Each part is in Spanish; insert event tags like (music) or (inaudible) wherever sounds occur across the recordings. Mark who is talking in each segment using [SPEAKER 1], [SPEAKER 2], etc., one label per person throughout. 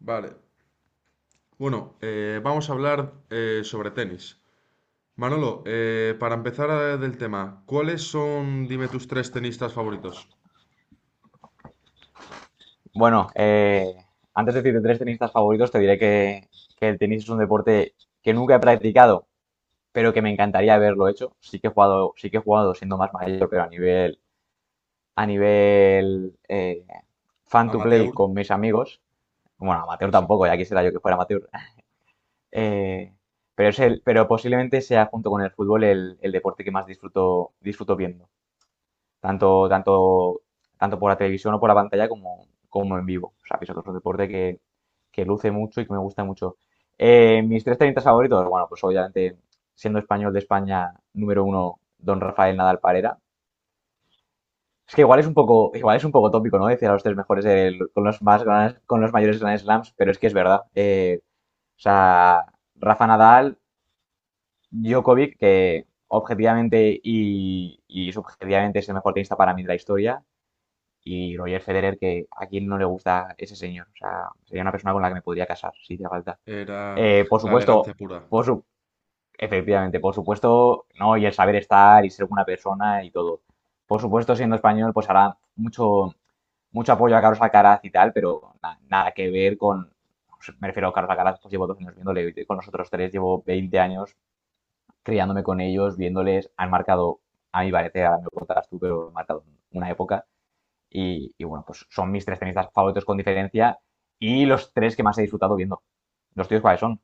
[SPEAKER 1] Vale. Bueno, vamos a hablar sobre tenis. Manolo, para empezar del tema, ¿cuáles son, dime, tus tres tenistas favoritos?
[SPEAKER 2] Bueno, eh, Antes de decirte tres tenistas favoritos, te diré que el tenis es un deporte que nunca he practicado, pero que me encantaría haberlo hecho. Sí que he jugado, sí que he jugado siendo más mayor, pero a nivel, a nivel fan to play
[SPEAKER 1] Amateur.
[SPEAKER 2] con mis amigos. Bueno, amateur
[SPEAKER 1] Exacto.
[SPEAKER 2] tampoco, ya quisiera yo que fuera amateur. Eh, pero posiblemente sea junto con el fútbol el deporte que más disfruto, disfruto viendo tanto, tanto, tanto por la televisión o por la pantalla como en vivo. O sea, que es otro deporte que luce mucho y que me gusta mucho. Mis tres tenistas favoritos, bueno, pues obviamente, siendo español de España, número uno, don Rafael Nadal Parera. Es que igual es un poco tópico, ¿no? Decir a los tres mejores con los con los mayores Grand Slams, pero es que es verdad. O sea, Rafa Nadal, Djokovic, que objetivamente y subjetivamente es el mejor tenista para mí de la historia. Y Roger Federer, que a quien no le gusta ese señor. O sea, sería una persona con la que me podría casar, si hiciera falta.
[SPEAKER 1] Era
[SPEAKER 2] Por
[SPEAKER 1] la
[SPEAKER 2] supuesto,
[SPEAKER 1] elegancia pura.
[SPEAKER 2] por su- efectivamente, por supuesto, ¿no? Y el saber estar y ser buena persona y todo. Por supuesto, siendo español, pues hará mucho apoyo a Carlos Alcaraz y tal, pero nada que ver con, me refiero a Carlos Alcaraz, pues llevo 2 años viéndole, y con los otros tres llevo 20 años criándome con ellos, viéndoles, han marcado, a mi parecer, ahora me lo contarás tú, pero han marcado una época. Y bueno, pues son mis tres tenistas favoritos con diferencia y los tres que más he disfrutado viendo. ¿Los tíos cuáles son?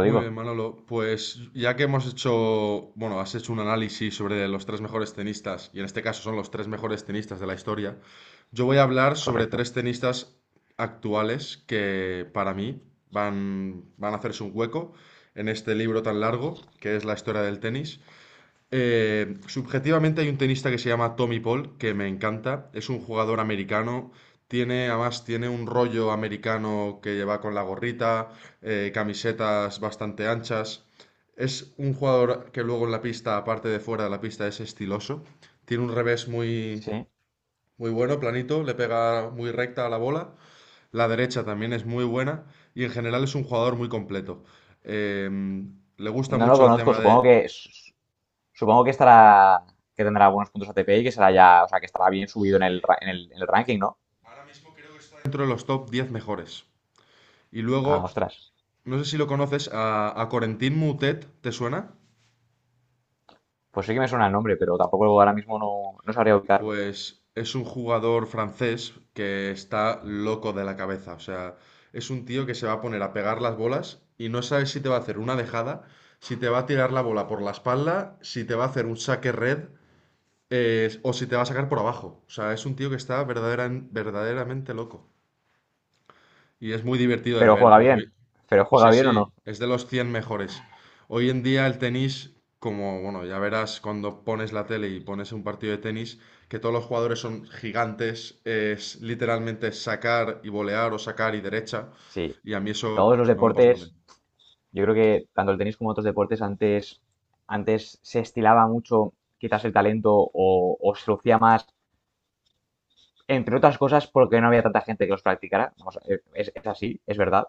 [SPEAKER 1] Muy bien, Manolo. Pues ya que hemos hecho, bueno, has hecho un análisis sobre los tres mejores tenistas, y en este caso son los tres mejores tenistas de la historia, yo voy a hablar sobre
[SPEAKER 2] correcto.
[SPEAKER 1] tres tenistas actuales que para mí van a hacerse un hueco en este libro tan largo que es la historia del tenis. Subjetivamente hay un tenista que se llama Tommy Paul, que me encanta. Es un jugador americano. Tiene, además, tiene un rollo americano que lleva con la gorrita, camisetas bastante anchas. Es un jugador que luego en la pista, aparte de fuera de la pista, es estiloso. Tiene un revés muy,
[SPEAKER 2] Sí.
[SPEAKER 1] muy bueno, planito, le pega muy recta a la bola. La derecha también es muy buena y en general es un jugador muy completo. Le gusta
[SPEAKER 2] No lo
[SPEAKER 1] mucho el
[SPEAKER 2] conozco,
[SPEAKER 1] tema
[SPEAKER 2] supongo
[SPEAKER 1] de...
[SPEAKER 2] que supongo que estará que tendrá buenos puntos ATP y que será ya, o sea, que estará bien subido en el, en el, en el ranking, ¿no?
[SPEAKER 1] Dentro de los top 10 mejores. Y
[SPEAKER 2] Ah,
[SPEAKER 1] luego,
[SPEAKER 2] ostras.
[SPEAKER 1] no sé si lo conoces, a Corentin Moutet, ¿te suena?
[SPEAKER 2] Pues sí que me suena el nombre, pero tampoco ahora mismo no sabría ubicarlo.
[SPEAKER 1] Pues es un jugador francés que está loco de la cabeza. O sea, es un tío que se va a poner a pegar las bolas y no sabes si te va a hacer una dejada, si te va a tirar la bola por la espalda, si te va a hacer un saque red o si te va a sacar por abajo. O sea, es un tío que está verdaderamente loco. Y es muy divertido de
[SPEAKER 2] Pero
[SPEAKER 1] ver
[SPEAKER 2] juega
[SPEAKER 1] porque
[SPEAKER 2] bien. Pero juega
[SPEAKER 1] sí,
[SPEAKER 2] bien o no.
[SPEAKER 1] sí, es de los 100 mejores. Hoy en día el tenis, como, bueno, ya verás cuando pones la tele y pones un partido de tenis, que todos los jugadores son gigantes, es literalmente sacar y volear o sacar y derecha,
[SPEAKER 2] Sí.
[SPEAKER 1] y a mí
[SPEAKER 2] Todos
[SPEAKER 1] eso
[SPEAKER 2] los
[SPEAKER 1] no me lo paso también.
[SPEAKER 2] deportes. Yo creo que tanto el tenis como otros deportes antes, antes se estilaba mucho quizás el talento o se lucía más, entre otras cosas porque no había tanta gente que los practicara. Vamos, es así, es verdad.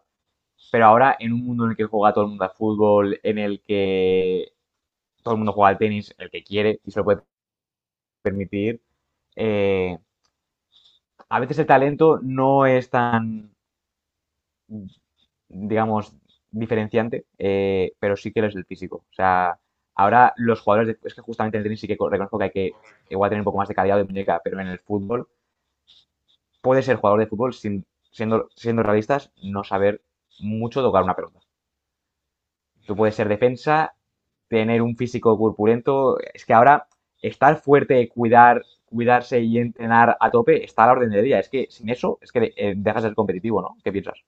[SPEAKER 2] Pero ahora en un mundo en el que juega todo el mundo al fútbol, en el que todo el mundo juega al tenis, el que quiere y se lo puede permitir, eh, a veces el talento no es tan, digamos, diferenciante, pero sí que lo es el físico. O sea, ahora los jugadores, es que justamente en el tenis sí que reconozco que hay que igual tener un poco más de calidad de muñeca, pero en el fútbol, puede ser jugador de fútbol sin, siendo realistas, no saber mucho tocar una pelota. Tú puedes ser defensa, tener un físico corpulento, es que ahora estar fuerte, cuidarse y entrenar a tope está a la orden del día. Es que sin eso, es que dejas de ser competitivo, ¿no? ¿Qué piensas?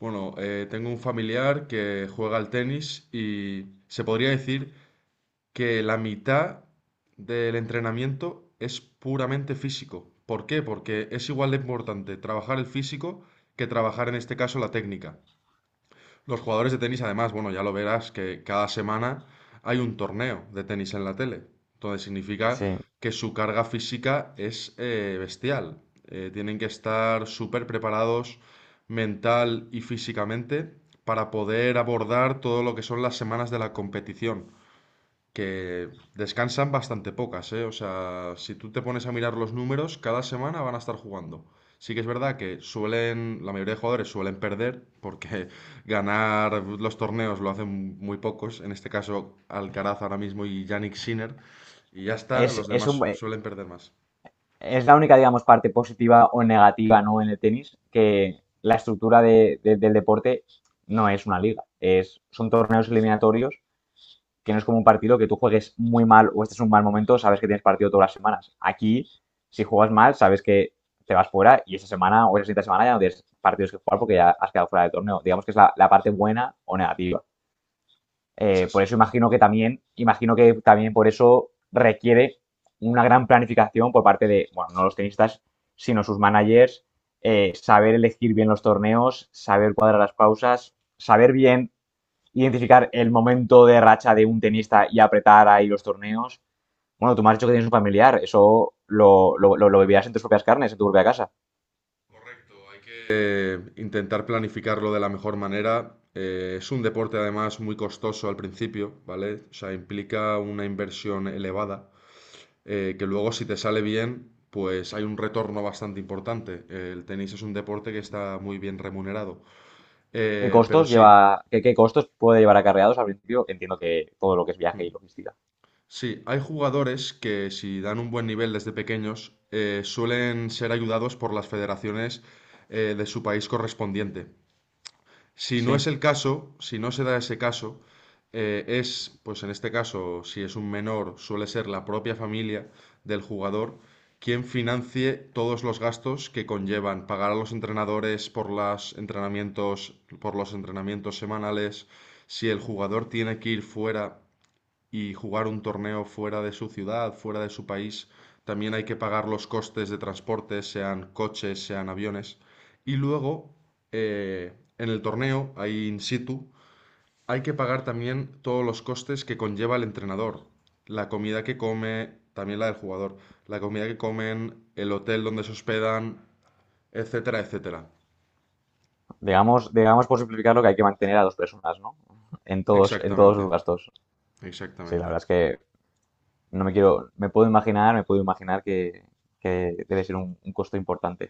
[SPEAKER 1] Bueno, tengo un familiar que juega al tenis y se podría decir que la mitad del entrenamiento es puramente físico. ¿Por qué? Porque es igual de importante trabajar el físico que trabajar en este caso la técnica. Los jugadores de tenis, además, bueno, ya lo verás que cada semana hay un torneo de tenis en la tele. Entonces significa
[SPEAKER 2] Sí.
[SPEAKER 1] que su carga física es bestial. Tienen que estar súper preparados mental y físicamente para poder abordar todo lo que son las semanas de la competición que descansan bastante pocas, ¿eh? O sea, si tú te pones a mirar los números, cada semana van a estar jugando. Sí que es verdad que suelen, la mayoría de jugadores suelen perder, porque (laughs) ganar los torneos lo hacen muy pocos, en este caso Alcaraz ahora mismo y Yannick Sinner, y ya está,
[SPEAKER 2] Es,
[SPEAKER 1] los
[SPEAKER 2] es
[SPEAKER 1] demás
[SPEAKER 2] un,
[SPEAKER 1] suelen perder más.
[SPEAKER 2] es la única, digamos, parte positiva o negativa, ¿no? En el tenis, que la estructura del deporte no es una liga, son torneos eliminatorios, que no es como un partido que tú juegues muy mal o este es un mal momento, sabes que tienes partido todas las semanas. Aquí, si juegas mal, sabes que te vas fuera y esa semana o esa siguiente semana ya no tienes partidos que jugar porque ya has quedado fuera del torneo. Digamos que es la parte buena o negativa.
[SPEAKER 1] Es
[SPEAKER 2] Por eso
[SPEAKER 1] así,
[SPEAKER 2] imagino que también por eso requiere una gran planificación por parte de, bueno, no los tenistas, sino sus managers, saber elegir bien los torneos, saber cuadrar las pausas, saber bien identificar el momento de racha de un tenista y apretar ahí los torneos. Bueno, tú me has dicho que tienes un familiar, eso lo vivirás en tus propias carnes, en tu propia casa.
[SPEAKER 1] correcto. Hay que intentar planificarlo de la mejor manera. Es un deporte además muy costoso al principio, ¿vale? O sea, implica una inversión elevada. Que luego si te sale bien, pues hay un retorno bastante importante. El tenis es un deporte que está muy bien remunerado.
[SPEAKER 2] ¿Qué
[SPEAKER 1] Pero
[SPEAKER 2] costos
[SPEAKER 1] sí,
[SPEAKER 2] lleva, qué costos puede llevar acarreados al principio? Entiendo que todo lo que es viaje
[SPEAKER 1] mm,
[SPEAKER 2] y logística.
[SPEAKER 1] sí, hay jugadores que si dan un buen nivel desde pequeños, suelen ser ayudados por las federaciones de su país correspondiente. Si no
[SPEAKER 2] Sí.
[SPEAKER 1] es el caso, si no se da ese caso, pues en este caso, si es un menor, suele ser la propia familia del jugador quien financie todos los gastos que conllevan pagar a los entrenadores por los entrenamientos semanales, si el jugador tiene que ir fuera y jugar un torneo fuera de su ciudad, fuera de su país, también hay que pagar los costes de transporte, sean coches, sean aviones. Y luego, eh, en el torneo, ahí in situ, hay que pagar también todos los costes que conlleva el entrenador. La comida que come, también la del jugador, la comida que comen, el hotel donde se hospedan, etcétera, etcétera.
[SPEAKER 2] Digamos, digamos por simplificarlo que hay que mantener a dos personas, ¿no? En todos
[SPEAKER 1] Exactamente,
[SPEAKER 2] sus gastos. Sí, la
[SPEAKER 1] exactamente.
[SPEAKER 2] verdad es que no me quiero, me puedo imaginar que debe ser un costo importante.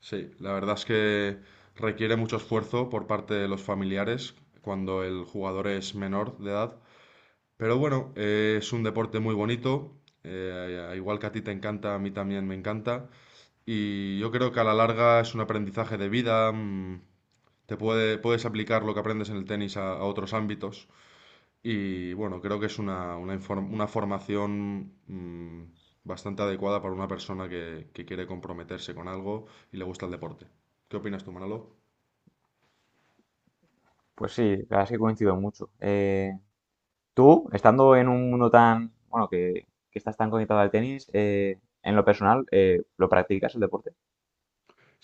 [SPEAKER 1] Sí, la verdad es que requiere mucho esfuerzo por parte de los familiares cuando el jugador es menor de edad. Pero bueno, es un deporte muy bonito. Igual que a ti te encanta, a mí también me encanta. Y yo creo que a la larga es un aprendizaje de vida. Te puedes aplicar lo que aprendes en el tenis a otros ámbitos. Y bueno, creo que es una, una formación bastante adecuada para una persona que quiere comprometerse con algo y le gusta el deporte. ¿Qué opinas tú, Manolo?
[SPEAKER 2] Pues sí, la verdad es que coincido mucho. Tú, estando en un mundo tan, bueno, que estás tan conectado al tenis, en lo personal, ¿lo practicas el deporte?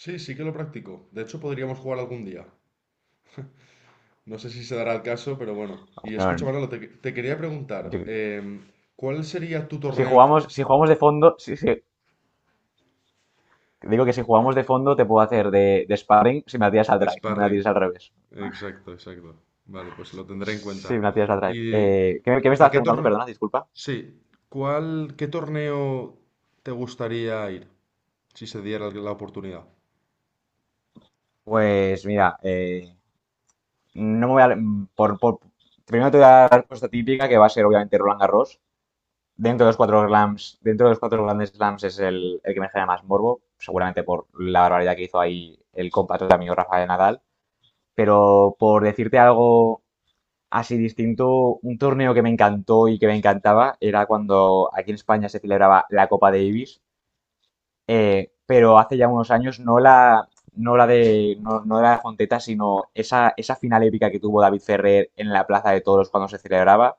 [SPEAKER 1] Sí, sí que lo practico. De hecho, podríamos jugar algún día. No sé si se dará el caso, pero bueno. Y escucha,
[SPEAKER 2] Bueno,
[SPEAKER 1] Manolo, te quería preguntar,
[SPEAKER 2] yo-
[SPEAKER 1] em, ¿cuál sería tu
[SPEAKER 2] si
[SPEAKER 1] torneo
[SPEAKER 2] jugamos, si jugamos de fondo, digo que si jugamos de fondo te puedo hacer de sparring, si me la tiras al
[SPEAKER 1] de
[SPEAKER 2] drive, no me la
[SPEAKER 1] sparring?
[SPEAKER 2] tires al revés.
[SPEAKER 1] Exacto, exacto. Vale, pues lo tendré en cuenta.
[SPEAKER 2] Sí, me la tiras la
[SPEAKER 1] ¿Y
[SPEAKER 2] Drive. Qué me
[SPEAKER 1] a
[SPEAKER 2] estabas
[SPEAKER 1] qué
[SPEAKER 2] preguntando.
[SPEAKER 1] torneo?
[SPEAKER 2] Perdona, disculpa.
[SPEAKER 1] Sí, ¿cuál, qué torneo te gustaría ir? Si se diera la oportunidad.
[SPEAKER 2] Pues mira, no me voy a. Por, por- Primero te voy a dar la respuesta típica, que va a ser obviamente Roland Garros. Dentro de los cuatro slams, dentro de los cuatro grandes slams es el que me genera más morbo, seguramente por la barbaridad que hizo ahí el compatriota mío Rafael Nadal. Pero por decirte algo así distinto, un torneo que me encantó y que me encantaba era cuando aquí en España se celebraba la Copa Davis, pero hace ya unos años no la de Fonteta, sino esa, esa final épica que tuvo David Ferrer en la Plaza de Toros cuando se celebraba.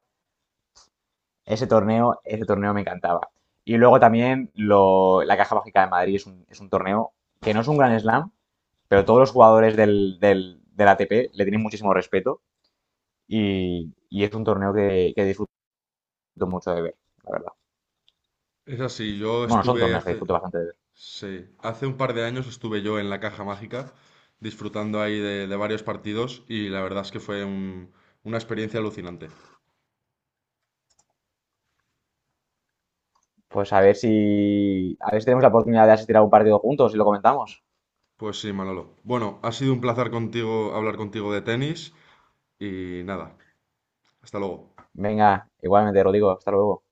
[SPEAKER 2] Ese torneo me encantaba. Y luego también la Caja Mágica de Madrid es es un torneo que no es un gran slam, pero todos los jugadores del ATP le tienen muchísimo respeto y es un torneo que disfruto mucho de ver, la verdad.
[SPEAKER 1] Es así, yo
[SPEAKER 2] Bueno, son
[SPEAKER 1] estuve
[SPEAKER 2] torneos que
[SPEAKER 1] hace,
[SPEAKER 2] disfruto bastante de ver.
[SPEAKER 1] sí, hace un par de años estuve yo en la Caja Mágica disfrutando ahí de varios partidos y la verdad es que fue una experiencia alucinante.
[SPEAKER 2] Pues a ver si tenemos la oportunidad de asistir a un partido juntos y lo comentamos.
[SPEAKER 1] Pues sí, Manolo. Bueno, ha sido un placer contigo hablar contigo de tenis y nada, hasta luego.
[SPEAKER 2] Venga, igualmente, Rodrigo, hasta luego.